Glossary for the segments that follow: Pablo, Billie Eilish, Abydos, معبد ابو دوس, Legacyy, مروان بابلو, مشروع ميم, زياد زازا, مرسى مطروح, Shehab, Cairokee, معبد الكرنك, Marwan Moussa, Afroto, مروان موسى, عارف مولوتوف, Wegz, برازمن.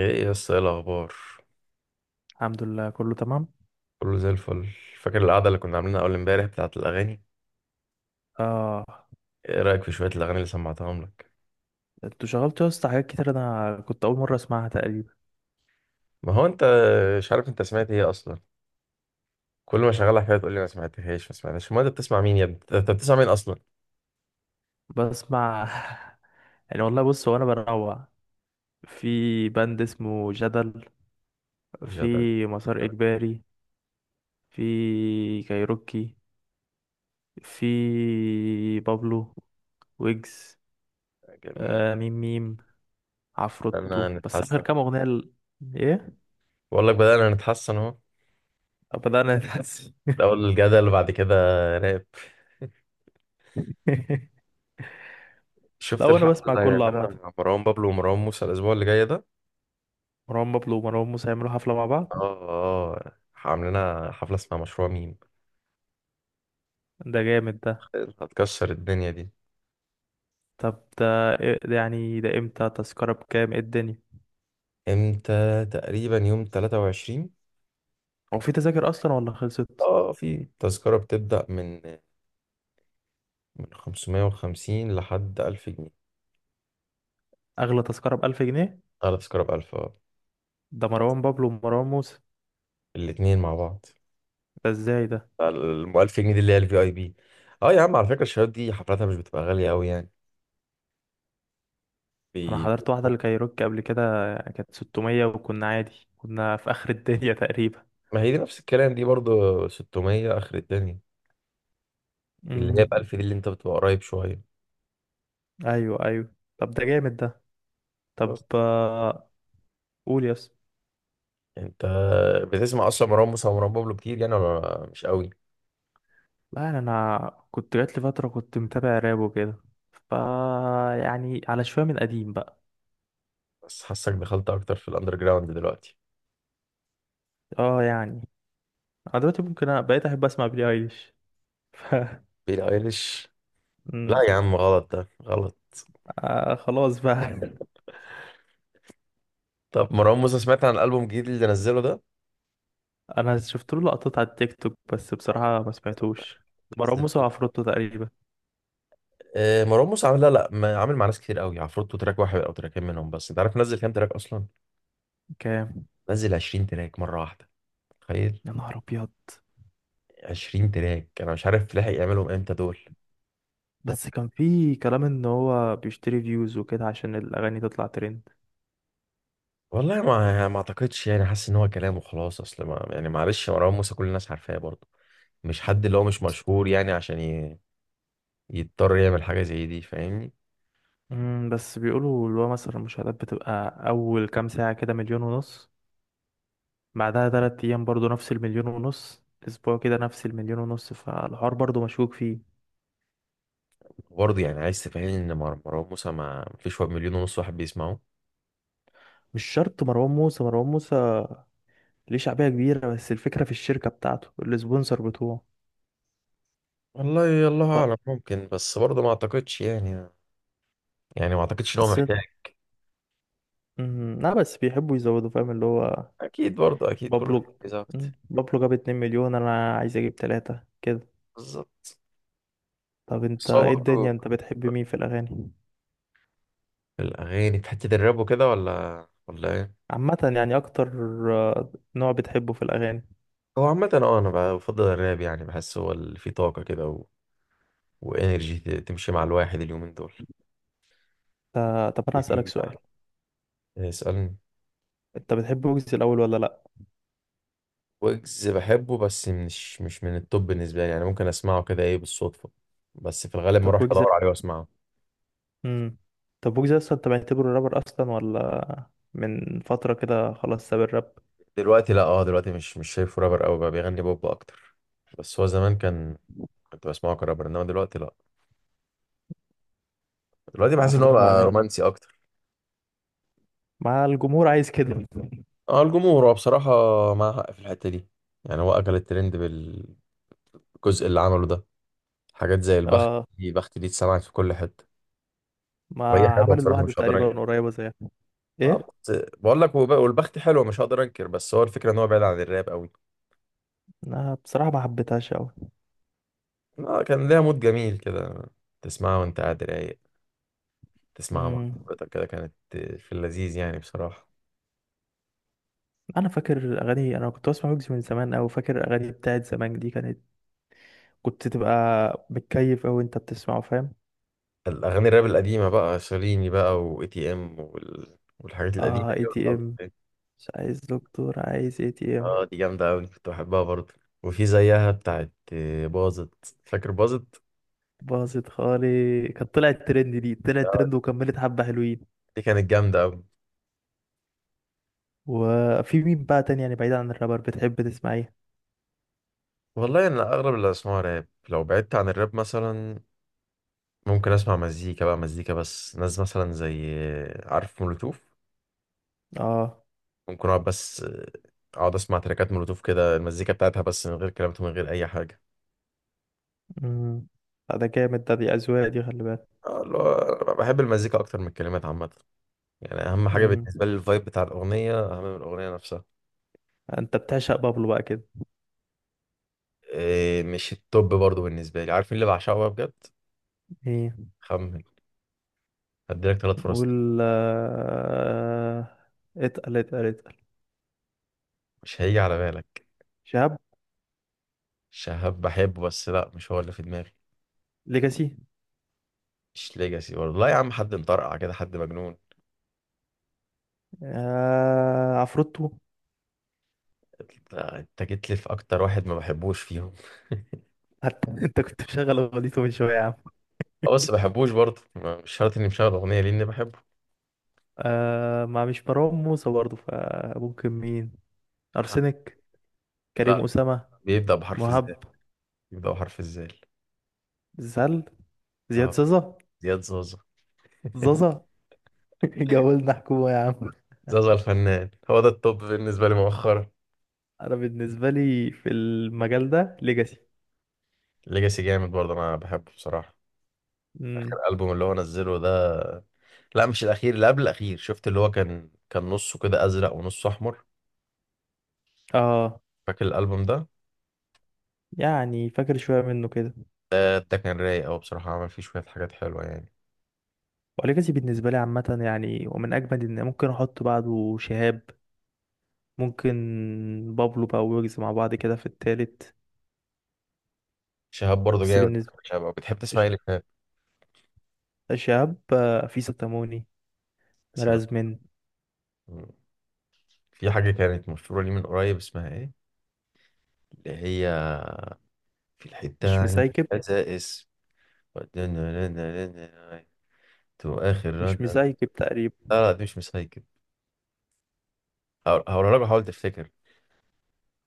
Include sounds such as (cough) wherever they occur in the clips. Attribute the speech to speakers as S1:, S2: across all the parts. S1: ايه يا اسطى، ايه الاخبار؟
S2: الحمد لله، كله تمام.
S1: كله زي الفل. فاكر القعده اللي كنا عاملينها اول امبارح بتاعه الاغاني؟
S2: اه،
S1: ايه رايك في شويه الاغاني اللي سمعتهم لك؟
S2: انتوا شغلتوا يا اسطى حاجات كتير، انا كنت اول مره اسمعها تقريبا.
S1: ما هو انت مش عارف انت سمعت ايه اصلا. كل ما شغالها حاجه تقول لي ما سمعتهاش ما سمعتهاش. ما انت بتسمع مين يا ابني؟ انت بتسمع مين اصلا؟
S2: بسمع. (laughs) يعني والله بص، هو انا بنوع. في باند اسمه جدل،
S1: جدل
S2: في مسار اجباري، في كايروكي، في بابلو، ويجز،
S1: جميل.
S2: ميم ميم عفروتو.
S1: بدأنا
S2: بس اخر
S1: نتحسن.
S2: كام اغنيه ايه.
S1: بقول لك بدأنا نتحسن اهو.
S2: بدانا نتحسن.
S1: الاول الجدل وبعد كده راب.
S2: (laughs) لا،
S1: شفت
S2: وانا
S1: الحفله
S2: بسمع
S1: اللي
S2: كله
S1: هيعملها
S2: عامه.
S1: مع مروان بابلو ومروان موسى الاسبوع اللي جاي ده؟
S2: مروان بابلو ومروان موسى يعملوا حفله مع
S1: اه،
S2: بعض؟
S1: اه عاملينها حفله اسمها مشروع ميم.
S2: ده جامد ده.
S1: هتكسر الدنيا دي.
S2: طب ده يعني، ده امتى؟ تذكرة بكام؟ ايه الدنيا؟
S1: امتى تقريبا؟ يوم 23.
S2: هو في تذاكر اصلا ولا خلصت؟
S1: اه في تذكرة بتبدأ من 550 لحد 1000 جنيه.
S2: اغلى تذكرة بألف جنيه؟
S1: اعلى تذكرة ب 1000، اه.
S2: ده مروان بابلو ومروان موسى؟
S1: الاتنين مع بعض.
S2: ده ازاي ده؟
S1: ال 1000 جنيه دي اللي هي الفي اي بي. اه يا عم، على فكرة الشباب دي حفلاتها مش بتبقى غالية قوي يعني.
S2: انا
S1: بي...
S2: حضرت واحدة لكايروكي قبل كده، كانت 600، وكنا عادي، كنا في اخر (laughs) الدنيا تقريبا.
S1: ما هي دي نفس الكلام دي برضو، 600 اخر الدنيا. اللي هي
S2: امم
S1: ب 1000 دي اللي انت بتبقى قريب شوية.
S2: ايوه، ايوه. طب ده جامد ده. طب
S1: بس
S2: قول يس.
S1: انت بتسمع اصلا مروان موسى ومروان بابلو كتير يعني، ولا مش قوي؟
S2: لا يعني، انا كنت جات لي فترة كنت متابع راب وكده، ف يعني على شوية من القديم بقى.
S1: بس حاسك دخلت اكتر في الاندر جراوند دلوقتي.
S2: اه يعني، انا دلوقتي ممكن بقيت احب اسمع بيلي ايليش. (laughs) ف
S1: بيلي ايليش؟ لا
S2: مم.
S1: يا عم، غلط ده، غلط.
S2: خلاص بقى.
S1: طب مروان موسى سمعت عن الألبوم الجديد اللي نزله ده؟
S2: (laughs) انا شفت له لقطات على التيك توك، بس بصراحة ما سمعتوش. مروان
S1: نزل،
S2: موسى وعفروتو تقريبا.
S1: آه، مروان موسى عامل لا لا ما- عامل مع ناس كتير قوي. عفروتو تراك واحد او تراكين منهم بس. انت عارف نزل كام تراك اصلا؟
S2: كام؟
S1: نزل 20 تراك مره واحده. تخيل.
S2: يا نهار ابيض.
S1: 20 تراك، انا مش عارف لحق يعملهم امتى دول.
S2: بس كان في كلام ان هو بيشتري فيوز وكده عشان الاغاني تطلع ترند.
S1: والله ما اعتقدش يعني. حاسس ان هو كلام وخلاص، اصل ما يعني معلش مروان موسى كل الناس عارفاه برضه. مش حد اللي هو مش مشهور يعني عشان يضطر يعمل حاجه زي دي، فاهمني؟
S2: بس بيقولوا اللي هو مثلا المشاهدات بتبقى اول كام ساعة كده مليون ونص، بعدها تلات ايام برضو نفس المليون ونص، اسبوع كده نفس المليون ونص، فالحوار برضو مشكوك فيه.
S1: برضه يعني عايز تفهمني ان مروان موسى ما فيش واحد مليون ونص واحد بيسمعه؟
S2: مش شرط. مروان موسى، مروان موسى ليه شعبية كبيرة، بس الفكرة في الشركة بتاعته، السبونسر بتوعه.
S1: والله الله
S2: ف-
S1: اعلم، ممكن، بس برضه ما اعتقدش يعني. يعني ما اعتقدش ان هو
S2: بس
S1: محتاج.
S2: لا، بس بيحبوا يزودوا، فاهم اللي هو.
S1: اكيد برضه، اكيد كله.
S2: بابلو.
S1: بيركز اكتر.
S2: بابلو جاب 2 مليون، انا عايز اجيب 3 كده.
S1: بالظبط.
S2: طب انت
S1: بس هو
S2: ايه
S1: برضه
S2: الدنيا، انت بتحب مين في الاغاني
S1: الاغاني في حته الراب وكده، ولا ايه؟
S2: عامة يعني اكتر؟ نوع بتحبه في الاغاني.
S1: هو عامه، اه انا بفضل الراب يعني. بحس هو اللي فيه طاقه كده وانرجي تمشي مع الواحد اليومين دول.
S2: طب انا هسألك
S1: إيه،
S2: سؤال:
S1: اسالني.
S2: انت بتحب ويجز الاول ولا لا؟
S1: ويجز بحبه بس مش من التوب بالنسبة لي يعني. ممكن اسمعه كده، ايه، بالصدفة، بس في الغالب ما
S2: طب
S1: اروحش
S2: ويجز.
S1: ادور عليه واسمعه.
S2: امم طب ويجز اصلا انت معتبره رابر اصلا ولا؟ من فترة كده خلاص ساب الراب.
S1: دلوقتي لا، اه دلوقتي مش شايفه رابر قوي، بقى بيغني بوب اكتر. بس هو زمان كان، كنت بسمعه كرابر، انما دلوقتي لا. دلوقتي
S2: انا
S1: بحس ان هو
S2: فاكر له
S1: بقى
S2: اغاني
S1: رومانسي اكتر.
S2: مع الجمهور عايز كده.
S1: اه الجمهور، هو بصراحة معاه حق في الحتة دي. يعني هو اكل الترند بالجزء اللي عمله ده. حاجات زي البخت،
S2: اه.
S1: دي البخت دي اتسمعت في كل حتة. وهي
S2: ما
S1: حلوة
S2: عمل
S1: بصراحة
S2: الوعد
S1: مش هقدر
S2: تقريبا
S1: انكر.
S2: قريبة زيها.
S1: اه
S2: ايه.
S1: بس بقول لك، والبخت حلوة مش هقدر انكر، بس هو الفكرة ان هو بعيد عن الراب قوي.
S2: انا بصراحة ما حبيتهاش قوي.
S1: لا كان ليها مود جميل كده. تسمعها وانت قاعد رايق. تسمعها مع
S2: امم
S1: صاحبتك كده، كانت في اللذيذ يعني بصراحة.
S2: انا فاكر اغاني، انا كنت بسمع ويجز من زمان، او فاكر اغاني بتاعت زمان، دي كانت كنت تبقى متكيف، او انت بتسمعه، فاهم؟
S1: الأغاني الراب القديمة بقى، شاليني بقى، و اي تي ام والحاجات القديمة
S2: اه،
S1: دي،
S2: اي تي
S1: والألبوم
S2: ام.
S1: ده.
S2: مش عايز دكتور، عايز اي تي ام.
S1: اه دي جامدة أوي، كنت بحبها برضه. وفي زيها بتاعت باظت، فاكر باظت؟
S2: باظت خالي كانت طلعت ترند، دي طلعت
S1: آه،
S2: ترند وكملت حبة حلوين.
S1: دي كانت جامدة أوي.
S2: وفي مين بقى تاني يعني بعيد عن الرابر بتحب تسمع ايه؟
S1: والله أنا أغلب اللي أسمعه راب. لو بعدت عن الراب مثلا ممكن أسمع مزيكا بقى، مزيكا بس ناس مثلا زي، عارف مولوتوف؟
S2: اه.
S1: ممكن اقعد بس آه، اقعد اسمع تراكات مولوتوف كده، المزيكا بتاعتها بس من غير كلمات ومن غير اي حاجه.
S2: امم لا، ده جامد ده، دي اذواق دي، خلي
S1: آه، اللي هو أنا بحب المزيكا اكتر من الكلمات عامه. يعني اهم حاجه
S2: بالك.
S1: بالنسبه لي الفايب بتاع الاغنيه، اهم من الاغنيه نفسها.
S2: انت بتعشق بابلو بقى كده؟
S1: إيه، مش التوب برضو بالنسبه لي. عارف مين اللي بعشقه بقى بجد؟
S2: ايه.
S1: خمن. هديلك ثلاث فرص.
S2: نقول اتقل، اتقل، اتقل.
S1: مش هيجي على بالك.
S2: شهاب.
S1: شهاب بحبه بس لا مش هو اللي في دماغي.
S2: ليجاسي.
S1: مش ليجاسي برضه، لا يا عم. حد مطرقع كده، حد مجنون.
S2: عفروتو.
S1: انت، أنت جيت لي في اكتر واحد ما بحبوش فيهم.
S2: حتى (laughs) انت كنت مشغل اغنيته من شويه يا عم.
S1: آه، بس بحبوش برضه. مش شرط اني مشغل اغنيه لاني بحبه.
S2: ما مش مروان موسى برضه، فممكن مين؟ ارسنك.
S1: لا،
S2: كريم اسامه.
S1: بيبدأ بحرف الزال.
S2: مهاب.
S1: بيبدأ بحرف الزال.
S2: زل. زياد
S1: اه،
S2: زازا.
S1: زياد زازا. (laughs)
S2: زازا. (laughs) جولنا حكومه يا عم.
S1: زازا الفنان هو ده التوب بالنسبة لي مؤخرا.
S2: انا بالنسبه لي في المجال ده ليجاسي.
S1: ليجاسي جامد برضه، انا بحبه بصراحة.
S2: امم
S1: الالبوم اللي هو نزله ده، لا مش الاخير، اللي قبل الاخير. شفت اللي هو كان نصه كده ازرق ونصه احمر؟
S2: اه
S1: فاكر الالبوم ده؟
S2: يعني، فاكر شويه منه كده.
S1: ده كان رايق قوي بصراحة. عمل فيه شوية حاجات حلوة يعني.
S2: وليجاسي بالنسبة لي عامة يعني، ومن أجمد. إن ممكن أحط بعده شهاب، ممكن بابلو بقى ويجز مع بعض كده في التالت.
S1: شهاب برضه
S2: بس
S1: جامد.
S2: بالنسبة.
S1: شهاب أوي. بتحب تسمع
S2: ش-
S1: ايه لشهاب؟
S2: شهاب. في ستاموني،
S1: سلام.
S2: مرازمن،
S1: مم. في حاجة كانت مشهورة لي من قريب، اسمها ايه؟ اللي هي في الحتة
S2: مش
S1: عندي،
S2: مسايكب.
S1: خسائس، تو اخر رد.
S2: مش مسايكب تقريبا.
S1: لا لا دي مش مسايكل. هقولها لك وحاول تفتكر.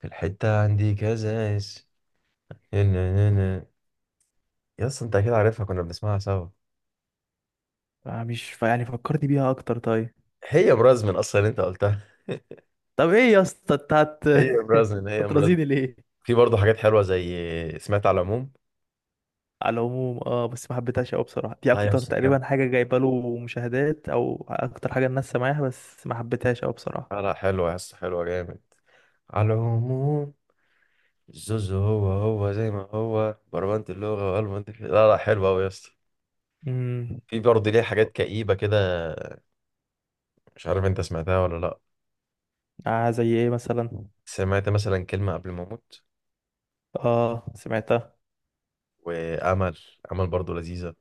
S1: في الحتة عندي كذا اس، نا- نا. يا اسطى انت اكيد عارفها، كنا بنسمعها سوا.
S2: مش يعني فكرني بيها أكتر طيب.
S1: هي برازمن اصلا اللي انت قلتها. (laughs)
S2: طب إيه يا اسطى أنت هت.
S1: هي
S2: (laughs)
S1: برازمن، هي برازمن.
S2: هترازيني ليه؟
S1: في برضه حاجات حلوه زي سمعت على العموم.
S2: على العموم اه، بس ما حبيتهاش أوي بصراحة. دي
S1: اه يا
S2: أكتر
S1: اسطى دي
S2: تقريبا
S1: جامدة.
S2: حاجة جايبة له مشاهدات، أو أكتر حاجة الناس سامعاها، بس ما حبيتهاش أوي بصراحة.
S1: لا لا حلوه يا اسطى، حلوه جامد. على العموم الزوز، هو هو زي ما هو بربنت اللغه وقلب انت. لا لا حلوه قوي يا اسطى.
S2: مم.
S1: في برضه ليه حاجات كئيبه كده، مش عارف انت سمعتها ولا لا.
S2: زي ايه مثلا؟
S1: سمعت مثلا كلمة قبل ما أموت؟
S2: اه، سمعتها.
S1: وأمل، أمل برضو لذيذة.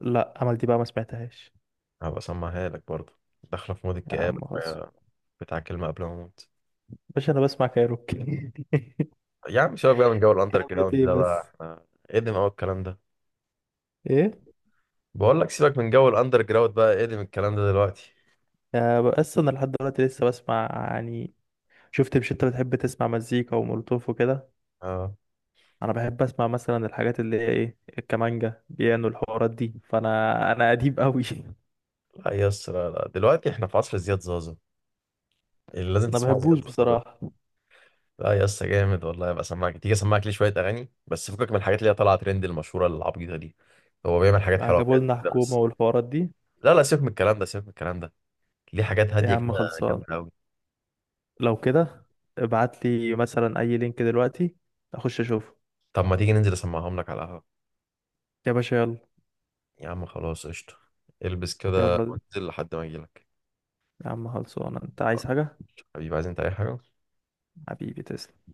S2: لا، عمل دي بقى ما سمعتهاش.
S1: هبقى أسمعها لك برضو. داخلة في مود
S2: يا عم
S1: الكآبة
S2: خلص.
S1: شوية، بتاع كلمة قبل ما أموت.
S2: باشا انا بسمع كايروكي. (laughs)
S1: يا عم سيبك بقى من جو الأندر
S2: كلمة
S1: جراوند
S2: ايه
S1: ده بقى،
S2: بس؟
S1: إحنا قدم أوي الكلام ده.
S2: ايه؟
S1: بقول لك سيبك من جو الأندر جراوند بقى، قدم الكلام ده دلوقتي.
S2: بس انا لحد دلوقتي لسه بسمع يعني. شفت؟ مش انت بتحب تسمع مزيكا ومولوتوف وكده؟
S1: أه.
S2: انا بحب اسمع مثلا الحاجات اللي هي ايه، الكمانجا، بيانو، الحوارات دي، فانا قديم قوي. (laughs)
S1: لا يا اسطى، لا لا دلوقتي إحنا في عصر زياد زازا. اللي لازم
S2: انا
S1: تسمعه
S2: بحبوش
S1: زياد زازا ده.
S2: بصراحة.
S1: لا يا اسطى جامد والله. هبقى أسمعك، تيجي أسمعك ليه شوية أغاني بس، فكك من الحاجات اللي هي طالعة ترند المشهورة العبيطة دي. هو بيعمل حاجات حلوة
S2: عجبوا
S1: بجد
S2: لنا
S1: كده
S2: حكومة
S1: بس.
S2: والحوارات دي.
S1: لا لا سيبك من الكلام ده، سيبك من الكلام ده. ليه حاجات
S2: يا
S1: هادية
S2: عم
S1: كده،
S2: خلصان.
S1: جامدة أوي.
S2: لو كده ابعت لي مثلا اي لينك دلوقتي، اخش اشوفه.
S1: طب ما تيجي ننزل أسمعهم لك على القهوة؟
S2: يا باشا يلا.
S1: يا عم خلاص قشطة. البس كده
S2: يلا
S1: وانزل لحد ما أجيلك.
S2: يا عم. خلصانة، انت عايز حاجة؟
S1: حبيبي، عايز أنت أي حاجة؟
S2: حبيبي تسلم.